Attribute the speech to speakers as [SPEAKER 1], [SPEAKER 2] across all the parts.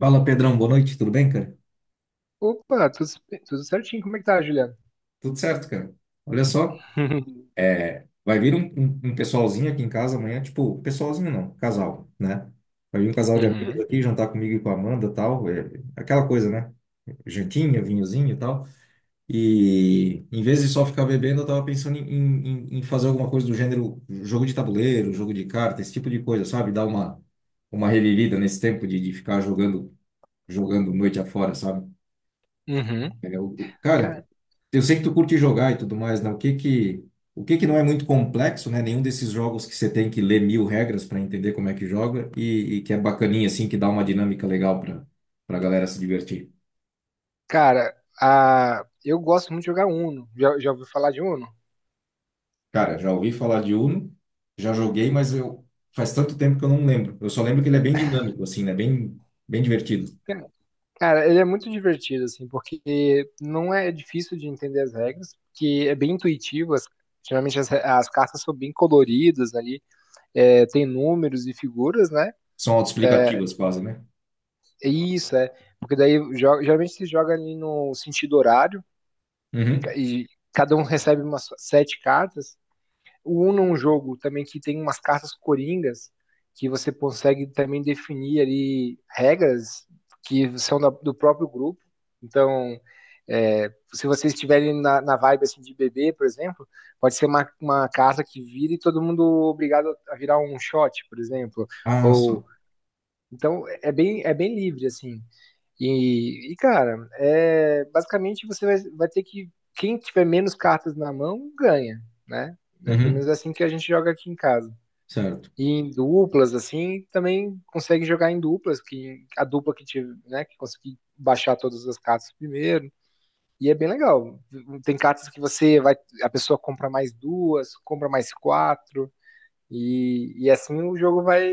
[SPEAKER 1] Fala, Pedrão, boa noite, tudo bem, cara?
[SPEAKER 2] Opa, tudo, tudo certinho. Como é que tá, Juliano?
[SPEAKER 1] Tudo certo, cara. Olha só, vai vir um, um pessoalzinho aqui em casa amanhã, tipo, pessoalzinho não, casal, né? Vai vir um casal de amigos
[SPEAKER 2] Uhum,
[SPEAKER 1] aqui jantar comigo e com a Amanda e tal, é, aquela coisa, né? Jantinha, vinhozinho e tal. E em vez de só ficar bebendo, eu tava pensando em fazer alguma coisa do gênero jogo de tabuleiro, jogo de carta, esse tipo de coisa, sabe? Dar uma revivida nesse tempo de ficar jogando, jogando noite afora, sabe?
[SPEAKER 2] uhum.
[SPEAKER 1] É, o- cara,
[SPEAKER 2] Ca-
[SPEAKER 1] eu sei que tu curte jogar e tudo mais, né? O que que não é muito complexo, né? Nenhum desses jogos que você tem que ler mil regras para entender como é que joga e que é bacaninha, assim, que dá uma dinâmica legal para para a galera se divertir.
[SPEAKER 2] Cara, eu gosto muito de jogar Uno. Já ouviu falar de Uno?
[SPEAKER 1] Cara, já ouvi falar de Uno, já joguei, mas eu faz tanto tempo que eu não lembro. Eu só lembro que ele é bem dinâmico, assim, né? Bem divertido.
[SPEAKER 2] Cara, cara, ele é muito divertido, assim, porque não é difícil de entender as regras, que é bem intuitivo. Geralmente as cartas são bem coloridas ali, tem números e figuras, né?
[SPEAKER 1] São
[SPEAKER 2] É,
[SPEAKER 1] autoexplicativas quase, né?
[SPEAKER 2] é isso, é. Porque daí geralmente se joga ali no sentido horário
[SPEAKER 1] Uhum.
[SPEAKER 2] e cada um recebe umas sete cartas. O Uno é um jogo também que tem umas cartas coringas que você consegue também definir ali regras que são do próprio grupo. Então, se vocês estiverem na vibe assim, de bebê, por exemplo, pode ser uma carta que vira e todo mundo obrigado a virar um shot, por exemplo.
[SPEAKER 1] Ah,
[SPEAKER 2] Ou
[SPEAKER 1] só.
[SPEAKER 2] então é bem livre assim. E, cara, basicamente você vai ter que. Quem tiver menos cartas na mão, ganha, né? É pelo menos
[SPEAKER 1] Uhum.
[SPEAKER 2] assim que a gente joga aqui em casa.
[SPEAKER 1] Certo.
[SPEAKER 2] E em duplas, assim, também consegue jogar em duplas, que a dupla que tive, né, que conseguir baixar todas as cartas primeiro. E é bem legal. Tem cartas que você vai. A pessoa compra mais duas, compra mais quatro. E, assim o jogo vai,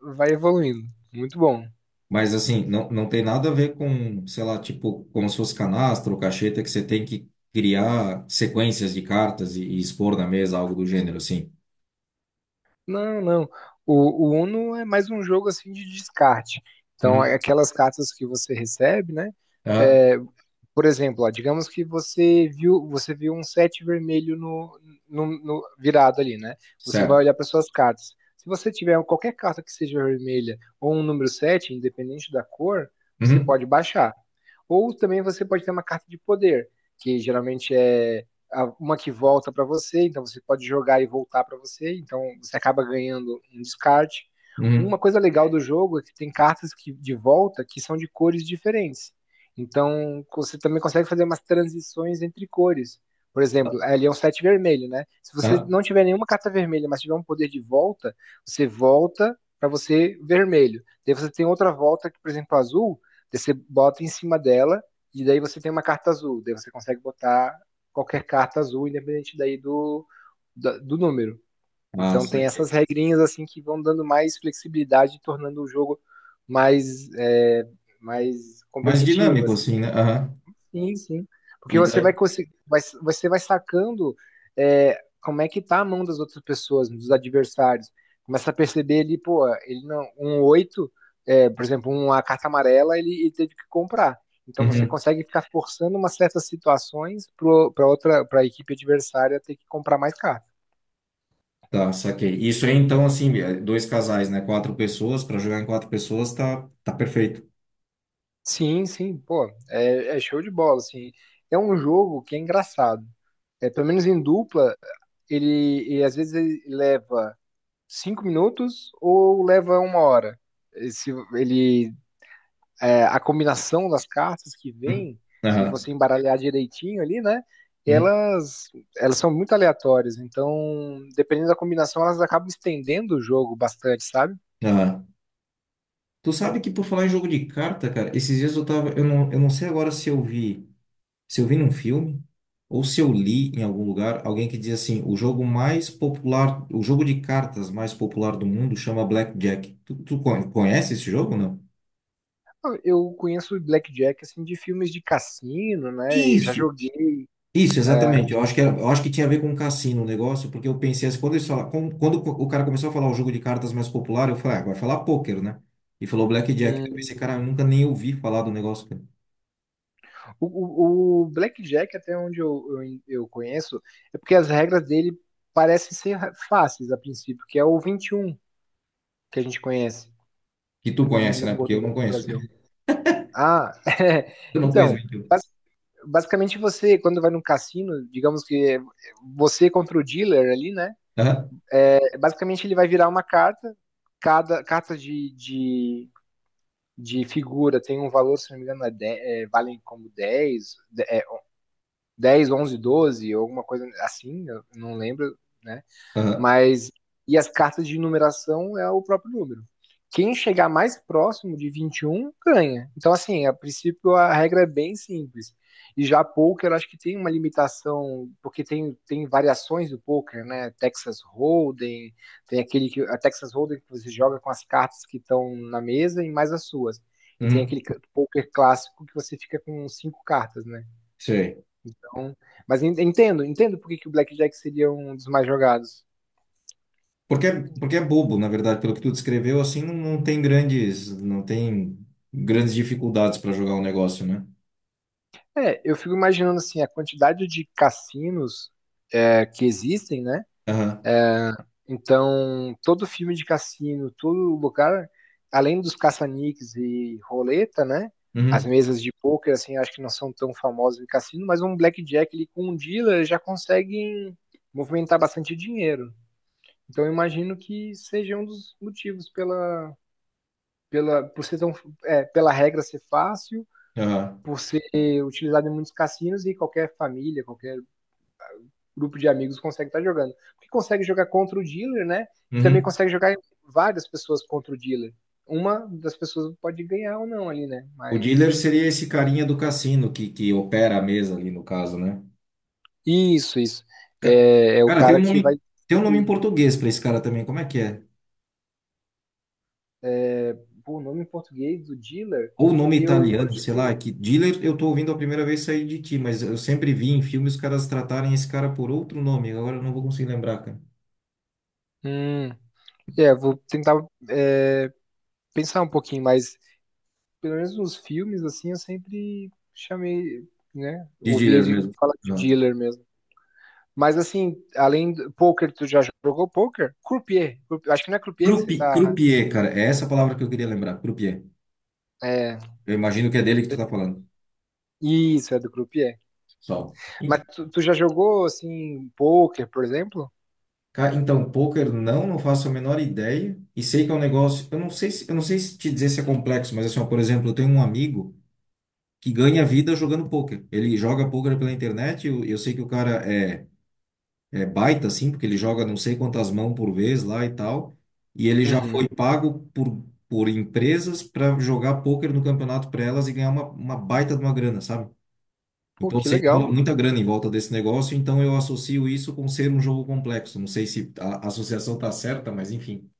[SPEAKER 2] vai evoluindo. Muito bom.
[SPEAKER 1] Mas assim, não, não tem nada a ver com, sei lá, tipo, como se fosse canastra ou cacheta que você tem que criar sequências de cartas e expor na mesa, algo do gênero, assim.
[SPEAKER 2] Não, não. O Uno é mais um jogo assim de descarte. Então, é
[SPEAKER 1] Uhum.
[SPEAKER 2] aquelas cartas que você recebe, né?
[SPEAKER 1] Ah,
[SPEAKER 2] É, por exemplo, ó, digamos que você viu um sete vermelho virado ali, né? Você vai
[SPEAKER 1] certo.
[SPEAKER 2] olhar para suas cartas. Se você tiver qualquer carta que seja vermelha ou um número 7, independente da cor, você
[SPEAKER 1] Uhum.
[SPEAKER 2] pode baixar. Ou também você pode ter uma carta de poder, que geralmente é uma que volta para você, então você pode jogar e voltar para você, então você acaba ganhando um descarte.
[SPEAKER 1] Uhum.
[SPEAKER 2] Uma coisa legal do jogo é que tem cartas que, de volta que são de cores diferentes. Então, você também consegue fazer umas transições entre cores. Por exemplo, ali é um 7 vermelho, né? Se você
[SPEAKER 1] Ah,
[SPEAKER 2] não tiver nenhuma carta vermelha, mas tiver um poder de volta, você volta para você vermelho. Daí você tem outra volta que, por exemplo, azul, daí você bota em cima dela e daí você tem uma carta azul. Daí você consegue botar qualquer carta azul, independente daí do número.
[SPEAKER 1] ah,
[SPEAKER 2] Então tem
[SPEAKER 1] saquei.
[SPEAKER 2] essas regrinhas assim que vão dando mais flexibilidade, tornando o jogo mais, é, mais
[SPEAKER 1] Mais
[SPEAKER 2] competitivo,
[SPEAKER 1] dinâmico,
[SPEAKER 2] assim.
[SPEAKER 1] assim, né? Aham.
[SPEAKER 2] Sim, sim. Porque
[SPEAKER 1] E
[SPEAKER 2] você vai
[SPEAKER 1] daí?
[SPEAKER 2] conseguir, vai, você vai sacando como é que tá a mão das outras pessoas, dos adversários. Começa a perceber ali, pô, ele não, um 8 é, por exemplo, uma carta amarela, ele teve que comprar. Então você
[SPEAKER 1] Uhum.
[SPEAKER 2] consegue ficar forçando umas certas situações para outra, para a equipe adversária ter que comprar mais carta.
[SPEAKER 1] Tá, saquei. Isso aí, então, assim, é, dois casais, né? Quatro pessoas, para jogar em quatro pessoas, tá perfeito.
[SPEAKER 2] Sim, sim, pô, é show de bola, assim. É um jogo que é engraçado. É, pelo menos em dupla, ele às vezes ele leva 5 minutos ou leva uma hora? Se ele, é, A combinação das cartas que
[SPEAKER 1] Uhum.
[SPEAKER 2] vem, se
[SPEAKER 1] Aham.
[SPEAKER 2] você embaralhar direitinho ali, né?
[SPEAKER 1] Uhum.
[SPEAKER 2] Elas, elas são muito aleatórias, então, dependendo da combinação, elas acabam estendendo o jogo bastante, sabe?
[SPEAKER 1] Aham. Tu sabe que por falar em jogo de carta, cara, esses dias eu tava, eu não sei agora se eu vi. Se eu vi num filme ou se eu li em algum lugar alguém que diz assim, o jogo mais popular, o jogo de cartas mais popular do mundo chama Blackjack. Conhece esse jogo, ou não?
[SPEAKER 2] Eu conheço Blackjack assim de filmes de cassino, né? Eu já
[SPEAKER 1] Isso,
[SPEAKER 2] joguei.
[SPEAKER 1] isso,
[SPEAKER 2] é,
[SPEAKER 1] exatamente. Eu acho que tinha a ver com o cassino o negócio, porque eu pensei assim, quando eles falaram, quando o cara começou a falar o jogo de cartas mais popular, eu falei, ah, vai falar pôquer, né? E falou Blackjack. Eu pensei,
[SPEAKER 2] hum,
[SPEAKER 1] cara, eu nunca nem ouvi falar do negócio, cara.
[SPEAKER 2] o Blackjack, até onde eu conheço, é porque as regras dele parecem ser fáceis a princípio, que é o 21 que a gente conhece
[SPEAKER 1] Que tu
[SPEAKER 2] no,
[SPEAKER 1] conhece,
[SPEAKER 2] no
[SPEAKER 1] né?
[SPEAKER 2] Porto
[SPEAKER 1] Porque eu não
[SPEAKER 2] do
[SPEAKER 1] conheço.
[SPEAKER 2] Brasil. Ah,
[SPEAKER 1] Eu não conheço,
[SPEAKER 2] então,
[SPEAKER 1] mentira.
[SPEAKER 2] bas- basicamente você, quando vai num cassino, digamos que é você contra o dealer ali, né?
[SPEAKER 1] Aham,
[SPEAKER 2] É, basicamente ele vai virar uma carta, cada carta de figura tem um valor, se não me engano, valem como 10. 10, 11, 12, alguma coisa assim, eu não lembro, né?
[SPEAKER 1] aham,
[SPEAKER 2] Mas e as cartas de numeração é o próprio número. Quem chegar mais próximo de 21 ganha. Então, assim, a princípio a regra é bem simples. E já poker, acho que tem uma limitação, porque tem variações do pôquer, né? Texas Hold'em, tem aquele que a Texas Hold'em que você joga com as cartas que estão na mesa e mais as suas. E tem
[SPEAKER 1] uhum,
[SPEAKER 2] aquele pôquer clássico que você fica com cinco cartas, né?
[SPEAKER 1] sei.
[SPEAKER 2] Então, mas entendo por que que o Blackjack seria um dos mais jogados.
[SPEAKER 1] Porque é bobo, na verdade, pelo que tu descreveu, assim, não tem grandes, não tem grandes dificuldades para jogar o negócio, né?
[SPEAKER 2] É, eu fico imaginando assim, a quantidade de cassinos que existem, né?
[SPEAKER 1] Aham.
[SPEAKER 2] Então, todo filme de cassino, todo lugar, além dos caça-níqueis e roleta, né? As
[SPEAKER 1] Uhum.
[SPEAKER 2] mesas de poker, assim, acho que não são tão famosas em cassino, mas um blackjack ali com um dealer já consegue movimentar bastante dinheiro. Então, eu imagino que seja um dos motivos por ser tão, pela regra ser fácil
[SPEAKER 1] Aham.
[SPEAKER 2] por ser utilizado em muitos cassinos e qualquer família, qualquer grupo de amigos consegue estar jogando. Porque consegue jogar contra o dealer, né? E também
[SPEAKER 1] Uhum.
[SPEAKER 2] consegue jogar várias pessoas contra o dealer. Uma das pessoas pode ganhar ou não ali, né?
[SPEAKER 1] O dealer
[SPEAKER 2] Mas.
[SPEAKER 1] seria esse carinha do cassino que opera a mesa ali, no caso, né?
[SPEAKER 2] Isso, isso.
[SPEAKER 1] Ca-
[SPEAKER 2] É, é o
[SPEAKER 1] Cara, tem um
[SPEAKER 2] cara que vai
[SPEAKER 1] nome, tem um nome em
[SPEAKER 2] distribuir.
[SPEAKER 1] português para esse cara também, como é que é?
[SPEAKER 2] Pô, o nome em português do dealer,
[SPEAKER 1] Ou nome
[SPEAKER 2] eu
[SPEAKER 1] italiano,
[SPEAKER 2] acho
[SPEAKER 1] sei lá, é
[SPEAKER 2] que.
[SPEAKER 1] que dealer eu tô ouvindo a primeira vez sair de ti, mas eu sempre vi em filmes os caras tratarem esse cara por outro nome, agora eu não vou conseguir lembrar, cara.
[SPEAKER 2] Hum, Vou tentar é, pensar um pouquinho, mas pelo menos nos filmes, assim, eu sempre chamei, né?
[SPEAKER 1] De
[SPEAKER 2] Ouvi
[SPEAKER 1] dealer
[SPEAKER 2] ele
[SPEAKER 1] mesmo.
[SPEAKER 2] falar de dealer mesmo. Mas assim, além do poker, tu já jogou poker? Croupier. Acho que não é croupier que você tá.
[SPEAKER 1] Croupier, cara, é essa a palavra que eu queria lembrar, croupier.
[SPEAKER 2] É...
[SPEAKER 1] Eu imagino que é dele que tu tá falando.
[SPEAKER 2] Isso, é do croupier.
[SPEAKER 1] Só.
[SPEAKER 2] Mas tu já jogou assim poker, por exemplo?
[SPEAKER 1] Então, poker não, não faço a menor ideia. E sei que é um negócio, eu não sei se te dizer se é complexo, mas assim, ó, por exemplo, eu tenho um amigo que ganha vida jogando poker. Ele joga poker pela internet, eu sei que o cara é baita, assim, porque ele joga não sei quantas mãos por vez lá e tal. E ele já
[SPEAKER 2] Uhum.
[SPEAKER 1] foi pago por empresas para jogar poker no campeonato para elas e ganhar uma baita de uma grana, sabe?
[SPEAKER 2] Pô,
[SPEAKER 1] Então, eu
[SPEAKER 2] que
[SPEAKER 1] sei que rola
[SPEAKER 2] legal.
[SPEAKER 1] muita grana em volta desse negócio, então eu associo isso com ser um jogo complexo. Não sei se a associação tá certa, mas enfim.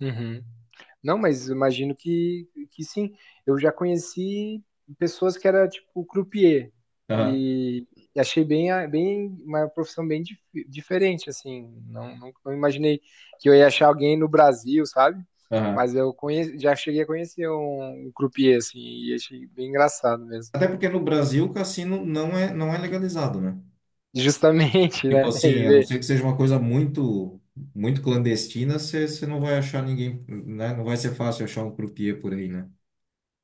[SPEAKER 2] Uhum. Não, mas imagino que sim. Eu já conheci pessoas que era tipo croupier
[SPEAKER 1] Aham,
[SPEAKER 2] e achei bem, bem uma profissão bem diferente assim. Não, não, não imaginei que eu ia achar alguém no Brasil, sabe?
[SPEAKER 1] aham.
[SPEAKER 2] Mas eu conhe já cheguei a conhecer um croupier assim e achei bem engraçado mesmo.
[SPEAKER 1] Até porque no Brasil o cassino não é, não é legalizado, né?
[SPEAKER 2] Justamente,
[SPEAKER 1] Tipo
[SPEAKER 2] né?
[SPEAKER 1] assim, a não ser que seja uma coisa muito, muito clandestina, você não vai achar ninguém, né? Não vai ser fácil achar um croupier por aí, né?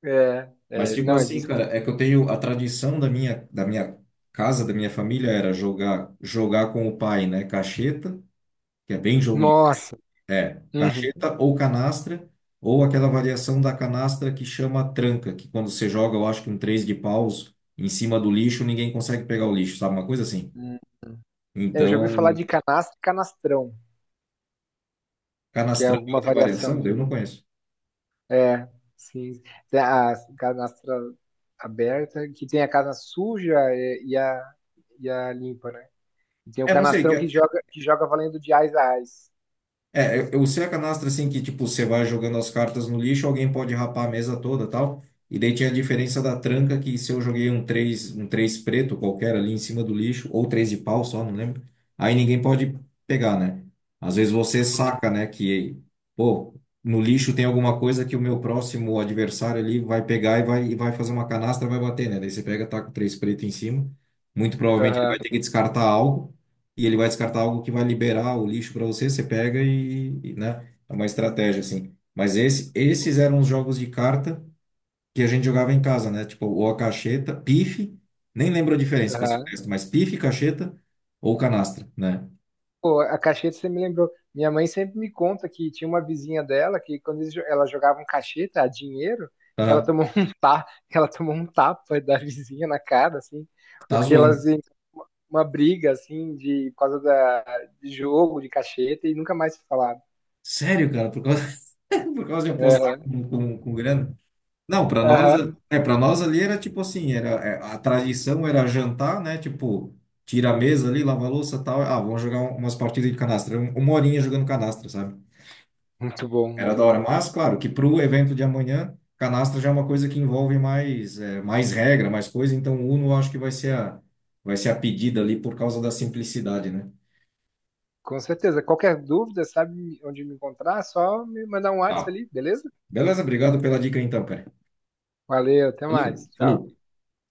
[SPEAKER 2] É,
[SPEAKER 1] Mas
[SPEAKER 2] é,
[SPEAKER 1] tipo
[SPEAKER 2] não, ele
[SPEAKER 1] assim,
[SPEAKER 2] disse
[SPEAKER 1] cara,
[SPEAKER 2] que...
[SPEAKER 1] é que eu tenho a tradição da minha casa, da minha família era jogar, jogar com o pai, né? Cacheta, que é bem jogo
[SPEAKER 2] Nossa.
[SPEAKER 1] É,
[SPEAKER 2] Uhum.
[SPEAKER 1] cacheta ou canastra, ou aquela variação da canastra que chama tranca, que quando você joga, eu acho que um três de paus em cima do lixo, ninguém consegue pegar o lixo, sabe? Uma coisa assim.
[SPEAKER 2] Eu já ouvi falar
[SPEAKER 1] Então,
[SPEAKER 2] de canastra e canastrão, que é
[SPEAKER 1] canastrão é
[SPEAKER 2] alguma
[SPEAKER 1] outra
[SPEAKER 2] variação
[SPEAKER 1] variação, eu
[SPEAKER 2] também.
[SPEAKER 1] não conheço.
[SPEAKER 2] É, sim. Tem a canastra aberta, que tem a casa suja e a limpa, né? E tem o
[SPEAKER 1] É, não sei, que-
[SPEAKER 2] canastrão que
[SPEAKER 1] é
[SPEAKER 2] joga valendo de ais a ais.
[SPEAKER 1] É, eu sei a canastra assim que, tipo, você vai jogando as cartas no lixo, alguém pode rapar a mesa toda tal. E daí tinha a diferença da tranca, que se eu joguei um três preto qualquer ali em cima do lixo, ou três de pau só, não lembro, aí ninguém pode pegar, né? Às vezes você
[SPEAKER 2] Sim.
[SPEAKER 1] saca, né, que, pô, no lixo tem alguma coisa que o meu próximo adversário ali vai pegar e vai fazer uma canastra, vai bater, né? Daí você pega, tá com três preto em cima, muito provavelmente ele
[SPEAKER 2] Aham,
[SPEAKER 1] vai ter que descartar algo e ele vai descartar algo que vai liberar o lixo para você, você pega né? É uma estratégia assim. Mas esses eram os jogos de carta que a gente jogava em casa, né? Tipo, ou a cacheta, pife, nem lembro a diferença, para ser
[SPEAKER 2] aham.
[SPEAKER 1] honesto, mas pife, cacheta ou canastra, né?
[SPEAKER 2] Pô, a cacheta você me lembrou. Minha mãe sempre me conta que tinha uma vizinha dela que quando ela jogava um cacheta, a dinheiro, que ela
[SPEAKER 1] Tá,
[SPEAKER 2] tomou um tapa, ela tomou um tapa da vizinha na cara, assim,
[SPEAKER 1] tá
[SPEAKER 2] porque
[SPEAKER 1] zoando.
[SPEAKER 2] uma briga assim de por causa da de jogo de cacheta e nunca mais se falaram.
[SPEAKER 1] Sério, cara, por causa de apostar
[SPEAKER 2] Aham,
[SPEAKER 1] com grana? Não, para nós,
[SPEAKER 2] aham.
[SPEAKER 1] para nós ali era tipo assim, a tradição era jantar, né? Tipo, tira a mesa ali, lava a louça, tal, ah, vamos jogar umas partidas de canastra, uma horinha jogando canastra, sabe?
[SPEAKER 2] Muito bom,
[SPEAKER 1] Era
[SPEAKER 2] muito
[SPEAKER 1] da hora,
[SPEAKER 2] bom.
[SPEAKER 1] mas claro que pro evento de amanhã, canastra já é uma coisa que envolve mais regra, mais coisa, então o Uno eu acho que vai ser a pedida ali por causa da simplicidade, né?
[SPEAKER 2] Com certeza. Qualquer dúvida, sabe onde me encontrar? Só me mandar um WhatsApp
[SPEAKER 1] Tá.
[SPEAKER 2] ali, beleza?
[SPEAKER 1] Beleza, obrigado pela dica então, cara.
[SPEAKER 2] Valeu, até mais.
[SPEAKER 1] Valeu,
[SPEAKER 2] Tchau.
[SPEAKER 1] falou.